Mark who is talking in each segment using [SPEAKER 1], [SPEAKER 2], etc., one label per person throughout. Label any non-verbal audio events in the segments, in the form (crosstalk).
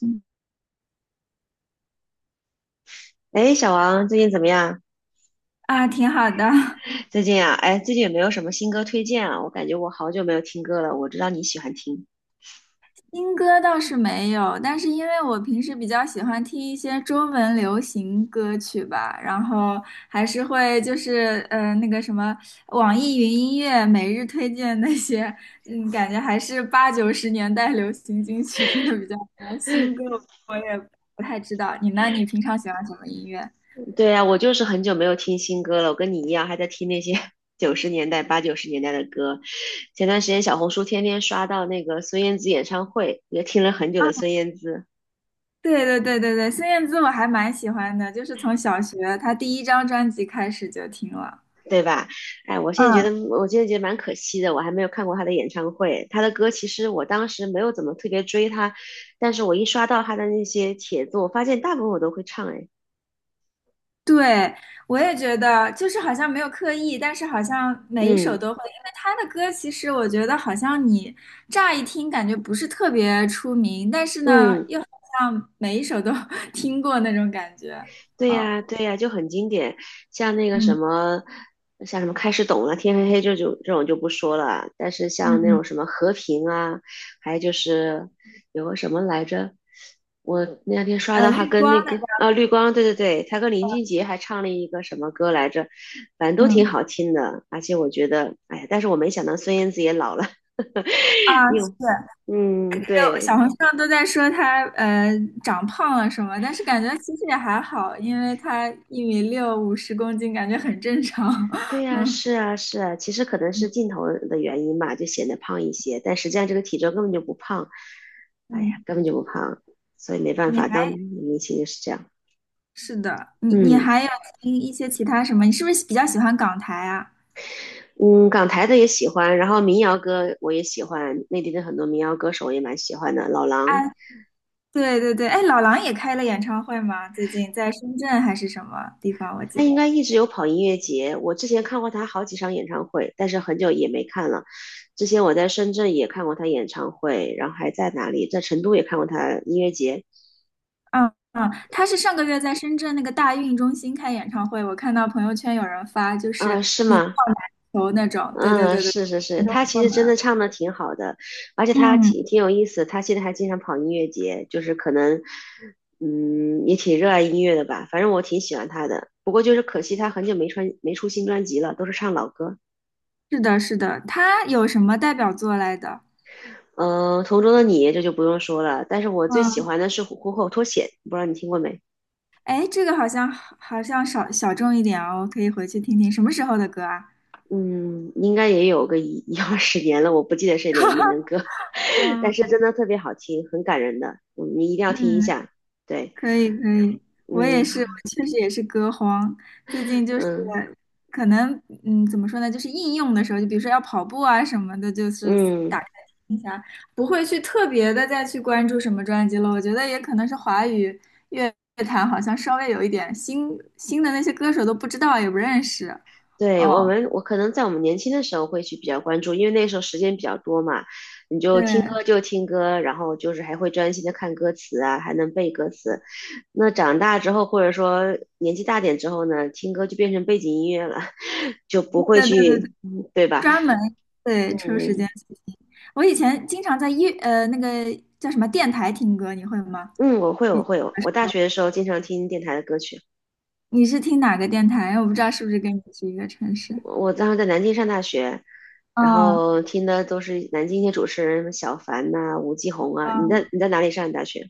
[SPEAKER 1] 嗯
[SPEAKER 2] 哎，小王，最近怎么样？
[SPEAKER 1] 啊，挺好的。(laughs)
[SPEAKER 2] 最近啊，哎，最近有没有什么新歌推荐啊？我感觉我好久没有听歌了。我知道你喜欢听。
[SPEAKER 1] 新歌倒是没有，但是因为我平时比较喜欢听一些中文流行歌曲吧，然后还是会就是那个什么网易云音乐每日推荐那些，嗯，感觉还是八九十年代流行金曲听的比较多。新歌我也不太知道，你呢？你平常喜欢什么音乐？
[SPEAKER 2] 对呀，我就是很久没有听新歌了。我跟你一样，还在听那些 (laughs) 九十年代、八九十年代的歌。前段时间小红书天天刷到那个孙燕姿演唱会，也听了很久
[SPEAKER 1] 啊，
[SPEAKER 2] 的孙燕姿，
[SPEAKER 1] 对对对对对，孙燕姿我还蛮喜欢的，就是从小学她第一张专辑开始就听了。
[SPEAKER 2] 对吧？哎，我现在觉
[SPEAKER 1] 嗯。
[SPEAKER 2] 得，我现在觉得蛮可惜的，我还没有看过她的演唱会。她的歌其实我当时没有怎么特别追她，但是我一刷到她的那些帖子，我发现大部分我都会唱。哎，
[SPEAKER 1] 对，我也觉得，就是好像没有刻意，但是好像每一首
[SPEAKER 2] 嗯。
[SPEAKER 1] 都会，因为他的歌其实我觉得好像你乍一听感觉不是特别出名，但是呢，
[SPEAKER 2] 嗯，
[SPEAKER 1] 又好像每一首都 (laughs) 听过那种感觉。
[SPEAKER 2] 对
[SPEAKER 1] 啊，
[SPEAKER 2] 呀，对呀，就很经典，像那个什
[SPEAKER 1] 嗯
[SPEAKER 2] 么，像什么开始懂了，天黑黑这种就不说了，但是
[SPEAKER 1] 嗯
[SPEAKER 2] 像那
[SPEAKER 1] 嗯，
[SPEAKER 2] 种什么和平啊，还有就是有个什么来着，我那两天刷到他
[SPEAKER 1] 绿
[SPEAKER 2] 跟
[SPEAKER 1] 光
[SPEAKER 2] 那
[SPEAKER 1] 那
[SPEAKER 2] 个
[SPEAKER 1] 个
[SPEAKER 2] 绿光，对对对，他跟林俊杰还唱了一个什么歌来着，反正都挺
[SPEAKER 1] 嗯
[SPEAKER 2] 好听的，而且我觉得，哎呀，但是我没想到孙燕姿也老了，(laughs)
[SPEAKER 1] 啊，
[SPEAKER 2] 你有，
[SPEAKER 1] 是，
[SPEAKER 2] 嗯，
[SPEAKER 1] 就小
[SPEAKER 2] 对。
[SPEAKER 1] 红书上都在说他长胖了什么，但是感觉其实也还好，因为他1米6，50公斤，感觉很正常。
[SPEAKER 2] 对呀，是啊，是啊，其实可能是镜头的原因吧，就显得胖一些，但实际上这个体重根本就不胖，
[SPEAKER 1] (laughs)
[SPEAKER 2] 哎呀，
[SPEAKER 1] 嗯。
[SPEAKER 2] 根本就不胖，所以没办
[SPEAKER 1] 你
[SPEAKER 2] 法，当
[SPEAKER 1] 还？
[SPEAKER 2] 明星就是这样。
[SPEAKER 1] 是的，你
[SPEAKER 2] 嗯
[SPEAKER 1] 还有听一些其他什么？你是不是比较喜欢港台啊？
[SPEAKER 2] 嗯，港台的也喜欢，然后民谣歌我也喜欢，内地的很多民谣歌手我也蛮喜欢的。老
[SPEAKER 1] 啊，
[SPEAKER 2] 狼
[SPEAKER 1] 对对对，哎，老狼也开了演唱会吗？最近在深圳还是什么地方？我记
[SPEAKER 2] 他
[SPEAKER 1] 得，
[SPEAKER 2] 应该一直有跑音乐节，我之前看过他好几场演唱会，但是很久也没看了。之前我在深圳也看过他演唱会，然后还在哪里，在成都也看过他音乐节。
[SPEAKER 1] 嗯嗯，他是上个月在深圳那个大运中心开演唱会，我看到朋友圈有人发，就
[SPEAKER 2] 啊、
[SPEAKER 1] 是
[SPEAKER 2] 是
[SPEAKER 1] 一票
[SPEAKER 2] 吗？
[SPEAKER 1] 难求那种。对对
[SPEAKER 2] 嗯，
[SPEAKER 1] 对对，
[SPEAKER 2] 是是是，
[SPEAKER 1] 难中
[SPEAKER 2] 他其
[SPEAKER 1] 坐
[SPEAKER 2] 实真
[SPEAKER 1] 难。
[SPEAKER 2] 的唱的挺好的，而且他
[SPEAKER 1] 嗯，
[SPEAKER 2] 挺有意思，他现在还经常跑音乐节，就是可能，嗯，也挺热爱音乐的吧，反正我挺喜欢他的。不过就是可惜他很久没出新专辑了，都是唱老歌。
[SPEAKER 1] 是的，是的，他有什么代表作来的？
[SPEAKER 2] 嗯，《同桌的你》这就不用说了，但是我最喜
[SPEAKER 1] 嗯，
[SPEAKER 2] 欢的是《虎口脱险》，不知道你听过没？
[SPEAKER 1] 哎，这个好像少小众一点哦，我可以回去听听，什么时候的歌啊？
[SPEAKER 2] 嗯，应该也有个一二十年了，我不记得是哪一年的歌，(laughs) 但
[SPEAKER 1] 嗯
[SPEAKER 2] 是真的特别好听，很感人的，嗯，你一定要听一
[SPEAKER 1] 嗯，
[SPEAKER 2] 下。对，
[SPEAKER 1] 可以可以，我也是，
[SPEAKER 2] 嗯
[SPEAKER 1] 我确实也是歌荒。最近就是
[SPEAKER 2] 嗯。
[SPEAKER 1] 可能，嗯，怎么说呢，就是应用的时候，就比如说要跑步啊什么的，就是打
[SPEAKER 2] 嗯，
[SPEAKER 1] 开听一下，不会去特别的再去关注什么专辑了。我觉得也可能是华语乐坛好像稍微有一点新的那些歌手都不知道也不认识。
[SPEAKER 2] 对，
[SPEAKER 1] 哦，
[SPEAKER 2] 我可能在我们年轻的时候会去比较关注，因为那时候时间比较多嘛，你就听
[SPEAKER 1] 对
[SPEAKER 2] 歌就听歌，然后就是还会专心的看歌词啊，还能背歌词。那长大之后，或者说年纪大点之后呢，听歌就变成背景音乐了，(laughs) 就不会
[SPEAKER 1] 对对对对，
[SPEAKER 2] 去，嗯对吧？
[SPEAKER 1] 专门对抽时间
[SPEAKER 2] 嗯
[SPEAKER 1] 去听。我以前经常在那个叫什么电台听歌，你会吗？
[SPEAKER 2] 嗯，我会，我会，我大学的时候经常听电台的歌曲，
[SPEAKER 1] 你是听哪个电台？我不知道是不是跟你是一个城市。
[SPEAKER 2] 我当时在南京上大学。然
[SPEAKER 1] 哦，
[SPEAKER 2] 后听的都是南京一些主持人，什么小凡呐、吴奇红啊。你在
[SPEAKER 1] 嗯，
[SPEAKER 2] 你在哪里上的大学？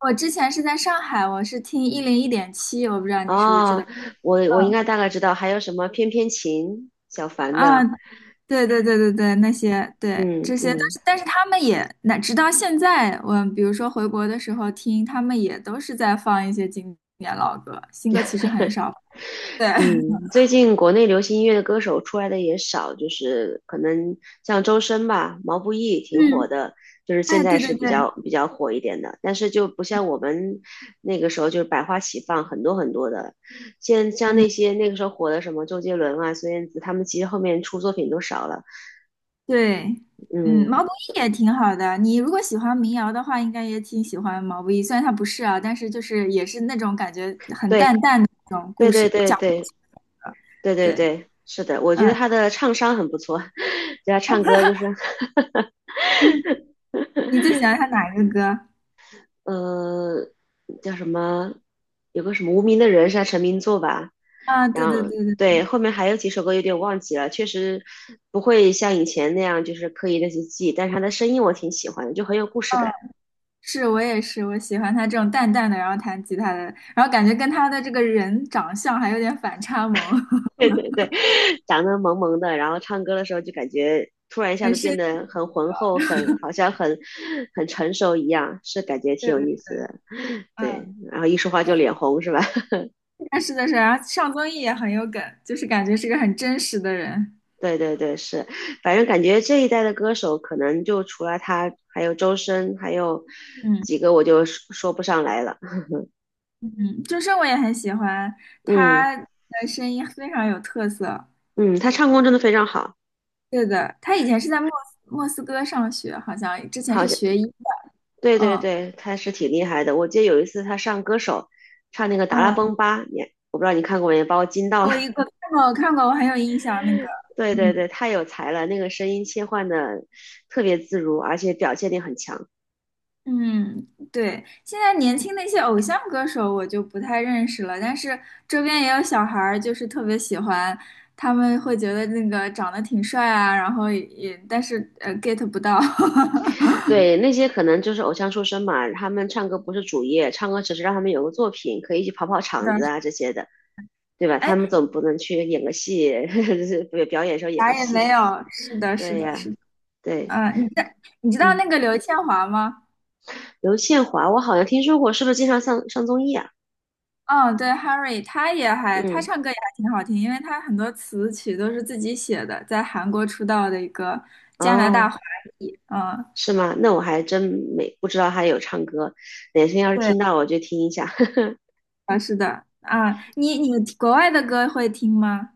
[SPEAKER 1] 我之前是在上海，我是听101.7，我不知道你是不是知道。
[SPEAKER 2] 哦，我应
[SPEAKER 1] 嗯
[SPEAKER 2] 该大概知道，还有什么翩翩琴，小凡
[SPEAKER 1] 啊，
[SPEAKER 2] 的，
[SPEAKER 1] 对对对对对，那些对
[SPEAKER 2] 嗯
[SPEAKER 1] 这些，但
[SPEAKER 2] 嗯
[SPEAKER 1] 是但是他们也，那直到现在，我比如说回国的时候听，他们也都是在放一些经典老歌，新歌其实很少。对，(laughs)
[SPEAKER 2] 嗯，最近国内流行音乐的歌手出来的也少，就是可能像周深吧，毛不易挺火
[SPEAKER 1] 嗯，
[SPEAKER 2] 的，就是现
[SPEAKER 1] 哎，
[SPEAKER 2] 在
[SPEAKER 1] 对对
[SPEAKER 2] 是比
[SPEAKER 1] 对。
[SPEAKER 2] 较比较火一点的，但是就不像我们那个时候就是百花齐放，很多很多的，现像
[SPEAKER 1] 嗯。
[SPEAKER 2] 那些那个时候火的什么周杰伦啊、孙燕姿，他们其实后面出作品都少了，
[SPEAKER 1] 对，嗯，
[SPEAKER 2] 嗯，
[SPEAKER 1] 毛不易也挺好的。你如果喜欢民谣的话，应该也挺喜欢毛不易。虽然他不是啊，但是就是也是那种感觉很
[SPEAKER 2] 对
[SPEAKER 1] 淡淡的那种
[SPEAKER 2] 对
[SPEAKER 1] 故
[SPEAKER 2] 对
[SPEAKER 1] 事
[SPEAKER 2] 对
[SPEAKER 1] 讲故事。
[SPEAKER 2] 对。对对
[SPEAKER 1] 对，
[SPEAKER 2] 对，是的，我觉得
[SPEAKER 1] 嗯，
[SPEAKER 2] 他的唱商很不错，(laughs) 就他唱歌就是，(laughs)
[SPEAKER 1] 你最喜欢他哪一个歌？
[SPEAKER 2] 呃，叫什么，有个什么无名的人是他成名作吧，
[SPEAKER 1] 啊，对
[SPEAKER 2] 然
[SPEAKER 1] 对
[SPEAKER 2] 后
[SPEAKER 1] 对对，
[SPEAKER 2] 对后面还有几首歌有点忘记了，确实不会像以前那样就是刻意的去记，但是他的声音我挺喜欢的，就很有故事
[SPEAKER 1] 嗯，
[SPEAKER 2] 感。
[SPEAKER 1] 是我也是，我喜欢他这种淡淡的，然后弹吉他的，然后感觉跟他的这个人长相还有点反差萌，
[SPEAKER 2] (laughs)
[SPEAKER 1] (laughs)
[SPEAKER 2] 对对对，长得萌萌的，然后唱歌的时候就感觉突然一下
[SPEAKER 1] 很
[SPEAKER 2] 子
[SPEAKER 1] 绅
[SPEAKER 2] 变
[SPEAKER 1] 士
[SPEAKER 2] 得很浑厚，很好像很成熟一样，是感觉
[SPEAKER 1] 的
[SPEAKER 2] 挺有
[SPEAKER 1] 人。
[SPEAKER 2] 意思的。
[SPEAKER 1] 嗯，
[SPEAKER 2] 对，然后一说话就脸红是吧？(laughs)
[SPEAKER 1] 但是的是，然后上综艺也很有梗，就是感觉是个很真实的人。
[SPEAKER 2] 对对对，是，反正感觉这一代的歌手可能就除了他，还有周深，还有
[SPEAKER 1] 嗯。
[SPEAKER 2] 几个我就说不上来了。
[SPEAKER 1] 嗯，周深我也很喜欢，
[SPEAKER 2] 嗯
[SPEAKER 1] 他的声音非常有特色。
[SPEAKER 2] 嗯，他唱功真的非常好，
[SPEAKER 1] 对的，他以前是在莫斯科上学，好像之前
[SPEAKER 2] 好
[SPEAKER 1] 是
[SPEAKER 2] 像
[SPEAKER 1] 学医的。
[SPEAKER 2] 对对
[SPEAKER 1] 嗯
[SPEAKER 2] 对，他是挺厉害的。我记得有一次他上歌手，唱那个《达拉
[SPEAKER 1] 嗯，
[SPEAKER 2] 崩吧》，我不知道你看过没，把我惊到了。
[SPEAKER 1] 我一个看过，我看过，我很有印象那个。
[SPEAKER 2] (laughs) 对对
[SPEAKER 1] 嗯
[SPEAKER 2] 对，太有才了，那个声音切换的特别自如，而且表现力很强。
[SPEAKER 1] 嗯，对，现在年轻的一些偶像歌手我就不太认识了，但是周边也有小孩儿，就是特别喜欢，他们会觉得那个长得挺帅啊，然后也但是get 不到。(laughs)
[SPEAKER 2] 对，那些可能就是偶像出身嘛，他们唱歌不是主业，唱歌只是让他们有个作品，可以去跑跑场子啊这些的，对吧？他
[SPEAKER 1] 哎，
[SPEAKER 2] 们总不能去演个戏，(laughs) 就是表演时候演个
[SPEAKER 1] 啥也
[SPEAKER 2] 戏
[SPEAKER 1] 没
[SPEAKER 2] 嘛。
[SPEAKER 1] 有。是的，是
[SPEAKER 2] 对
[SPEAKER 1] 的，
[SPEAKER 2] 呀，
[SPEAKER 1] 是的。
[SPEAKER 2] 对，
[SPEAKER 1] 嗯，你知道
[SPEAKER 2] 嗯，
[SPEAKER 1] 那个刘宪华吗？
[SPEAKER 2] 刘宪华，我好像听说过，是不是经常上综艺啊？
[SPEAKER 1] 嗯，对 Harry 他也还他
[SPEAKER 2] 嗯。
[SPEAKER 1] 唱歌也还挺好听，因为他很多词曲都是自己写的，在韩国出道的一个加拿大
[SPEAKER 2] 哦，
[SPEAKER 1] 华裔。嗯，
[SPEAKER 2] 是吗？那我还真没不知道他有唱歌，哪天要是
[SPEAKER 1] 对
[SPEAKER 2] 听到我就听一下。(laughs)
[SPEAKER 1] 啊，你国外的歌会听吗？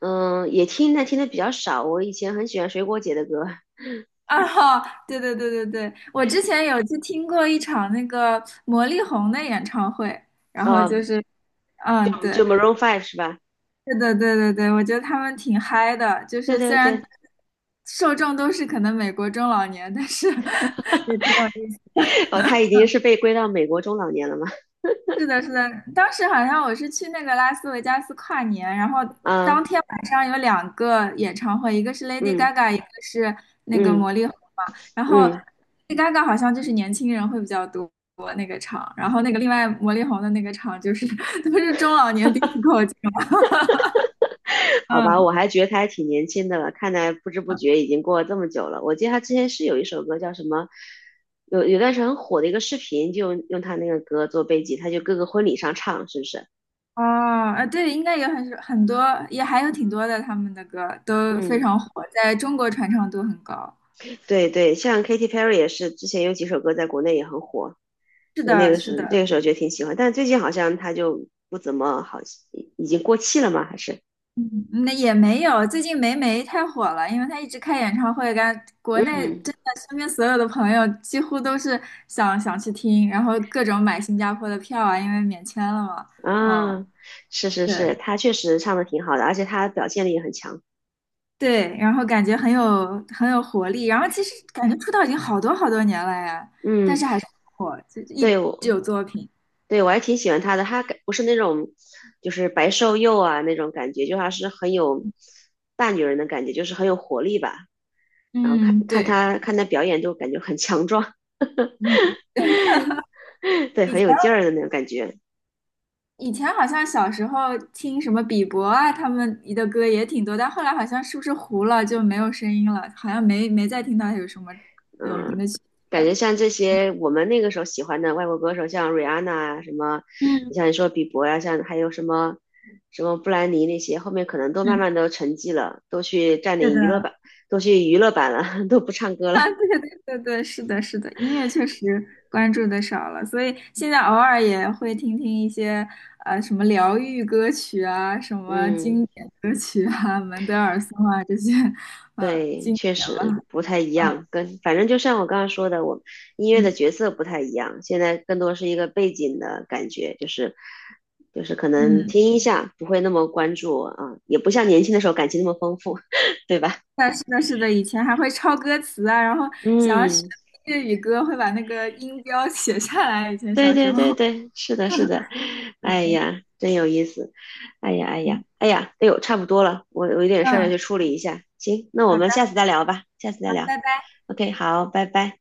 [SPEAKER 2] 嗯，也听，但听的比较少。我以前很喜欢水果姐的歌，
[SPEAKER 1] 啊，哈，对对对对对，我之前有去听过一场那个魔力红的演唱会，然后
[SPEAKER 2] 哦，
[SPEAKER 1] 就是，嗯，
[SPEAKER 2] 就
[SPEAKER 1] 对，
[SPEAKER 2] 就 Maroon Five 是吧？
[SPEAKER 1] 是的，对对对，我觉得他们挺嗨的，就
[SPEAKER 2] 对
[SPEAKER 1] 是虽
[SPEAKER 2] 对
[SPEAKER 1] 然
[SPEAKER 2] 对，
[SPEAKER 1] 受众都是可能美国中老年，但是 (laughs) 也挺有意思。
[SPEAKER 2] (laughs) 哦，他已经是被归到美国中老年了嘛？
[SPEAKER 1] 是的，是的，当时好像我是去那个拉斯维加斯跨年，然后当
[SPEAKER 2] 啊，
[SPEAKER 1] 天晚上有两个演唱会，一个是 Lady
[SPEAKER 2] 嗯
[SPEAKER 1] Gaga，一个是那个
[SPEAKER 2] 嗯
[SPEAKER 1] 魔力红嘛。然后
[SPEAKER 2] 嗯，
[SPEAKER 1] Lady Gaga 好像就是年轻人会比较多那个场，然后那个另外魔力红的那个场就是 (laughs) 都是中老年 disco 这种
[SPEAKER 2] 好吧，我
[SPEAKER 1] 嗯
[SPEAKER 2] 还觉得他还挺年轻的了，看来不知不觉已经过了这么久了。我记得他之前是有一首歌叫什么，有段时间很火的一个视频，就用他那个歌做背景，他就各个婚礼上唱，是不是？
[SPEAKER 1] 哦，啊，对，应该有很多，也还有挺多的，他们的歌都非
[SPEAKER 2] 嗯，
[SPEAKER 1] 常火，在中国传唱度很高。
[SPEAKER 2] 对对，像 Katy Perry 也是，之前有几首歌在国内也很火，
[SPEAKER 1] 是
[SPEAKER 2] 就那
[SPEAKER 1] 的，
[SPEAKER 2] 个
[SPEAKER 1] 是
[SPEAKER 2] 时
[SPEAKER 1] 的，
[SPEAKER 2] 候那个时候觉得挺喜欢，但最近好像她就不怎么好，已经过气了吗？还是？
[SPEAKER 1] 嗯，那也没有，最近霉霉太火了，因为她一直开演唱会，感国内
[SPEAKER 2] 嗯，
[SPEAKER 1] 真的身边所有的朋友几乎都是想去听，然后各种买新加坡的票啊，因为免签了嘛。嗯，
[SPEAKER 2] 啊，是是
[SPEAKER 1] 对
[SPEAKER 2] 是，她确实唱的挺好的，而且她表现力也很强。
[SPEAKER 1] 对，然后感觉很有活力，然后其实感觉出道已经好多好多年了呀，但
[SPEAKER 2] 嗯，
[SPEAKER 1] 是还是很火，就一
[SPEAKER 2] 对
[SPEAKER 1] 直
[SPEAKER 2] 我
[SPEAKER 1] 有作品。
[SPEAKER 2] 对我还挺喜欢她的，她感不是那种就是白瘦幼啊那种感觉，就还是很有大女人的感觉，就是很有活力吧。然后
[SPEAKER 1] 嗯，对，
[SPEAKER 2] 看她表演，就感觉很强壮，
[SPEAKER 1] 嗯，
[SPEAKER 2] (laughs) 对，
[SPEAKER 1] 以
[SPEAKER 2] 很
[SPEAKER 1] 前
[SPEAKER 2] 有劲儿的那种感觉。
[SPEAKER 1] 以前好像小时候听什么比伯啊，他们的歌也挺多，但后来好像是不是糊了就没有声音了，好像没再听到有什么有名
[SPEAKER 2] 嗯，
[SPEAKER 1] 的曲子
[SPEAKER 2] 感
[SPEAKER 1] 了。
[SPEAKER 2] 觉像这些我们那个时候喜欢的外国歌手，像瑞安娜啊，什么，
[SPEAKER 1] 嗯
[SPEAKER 2] 你说比伯呀、像还有什么布兰妮那些，后面可能都慢
[SPEAKER 1] 嗯，
[SPEAKER 2] 慢都沉寂了，都去占
[SPEAKER 1] 是的。
[SPEAKER 2] 领娱乐版，都去娱乐版了，(laughs) 都不唱歌了。
[SPEAKER 1] 啊，对对对对，是的，是的，音乐确实关注的少了，所以现在偶尔也会听听一些什么疗愈歌曲啊，什么
[SPEAKER 2] 嗯。
[SPEAKER 1] 经典歌曲啊，门德尔松啊这些，
[SPEAKER 2] 对，
[SPEAKER 1] 经
[SPEAKER 2] 确
[SPEAKER 1] 典吧，
[SPEAKER 2] 实不太一
[SPEAKER 1] 嗯
[SPEAKER 2] 样，跟反正就像我刚刚说的，我音乐
[SPEAKER 1] 嗯
[SPEAKER 2] 的角色不太一样，现在更多是一个背景的感觉，就是可能
[SPEAKER 1] 嗯。
[SPEAKER 2] 听一下，不会那么关注啊，也不像年轻的时候感情那么丰富，(laughs) 对吧？
[SPEAKER 1] 的，是的，是的，以前还会抄歌词啊，然后想要学
[SPEAKER 2] 嗯，
[SPEAKER 1] 粤语歌，会把那个音标写下来。以前
[SPEAKER 2] 对
[SPEAKER 1] 小时
[SPEAKER 2] 对
[SPEAKER 1] 候，
[SPEAKER 2] 对对，是的，是的，哎呀，真有意思，哎呀哎呀
[SPEAKER 1] 嗯
[SPEAKER 2] 哎呀，哎呦，差不多了，我有点事儿要去
[SPEAKER 1] 嗯，
[SPEAKER 2] 处理一下，行，那我
[SPEAKER 1] 好的，
[SPEAKER 2] 们下次再聊吧，下次再聊
[SPEAKER 1] 拜拜。
[SPEAKER 2] ，OK，好，拜拜。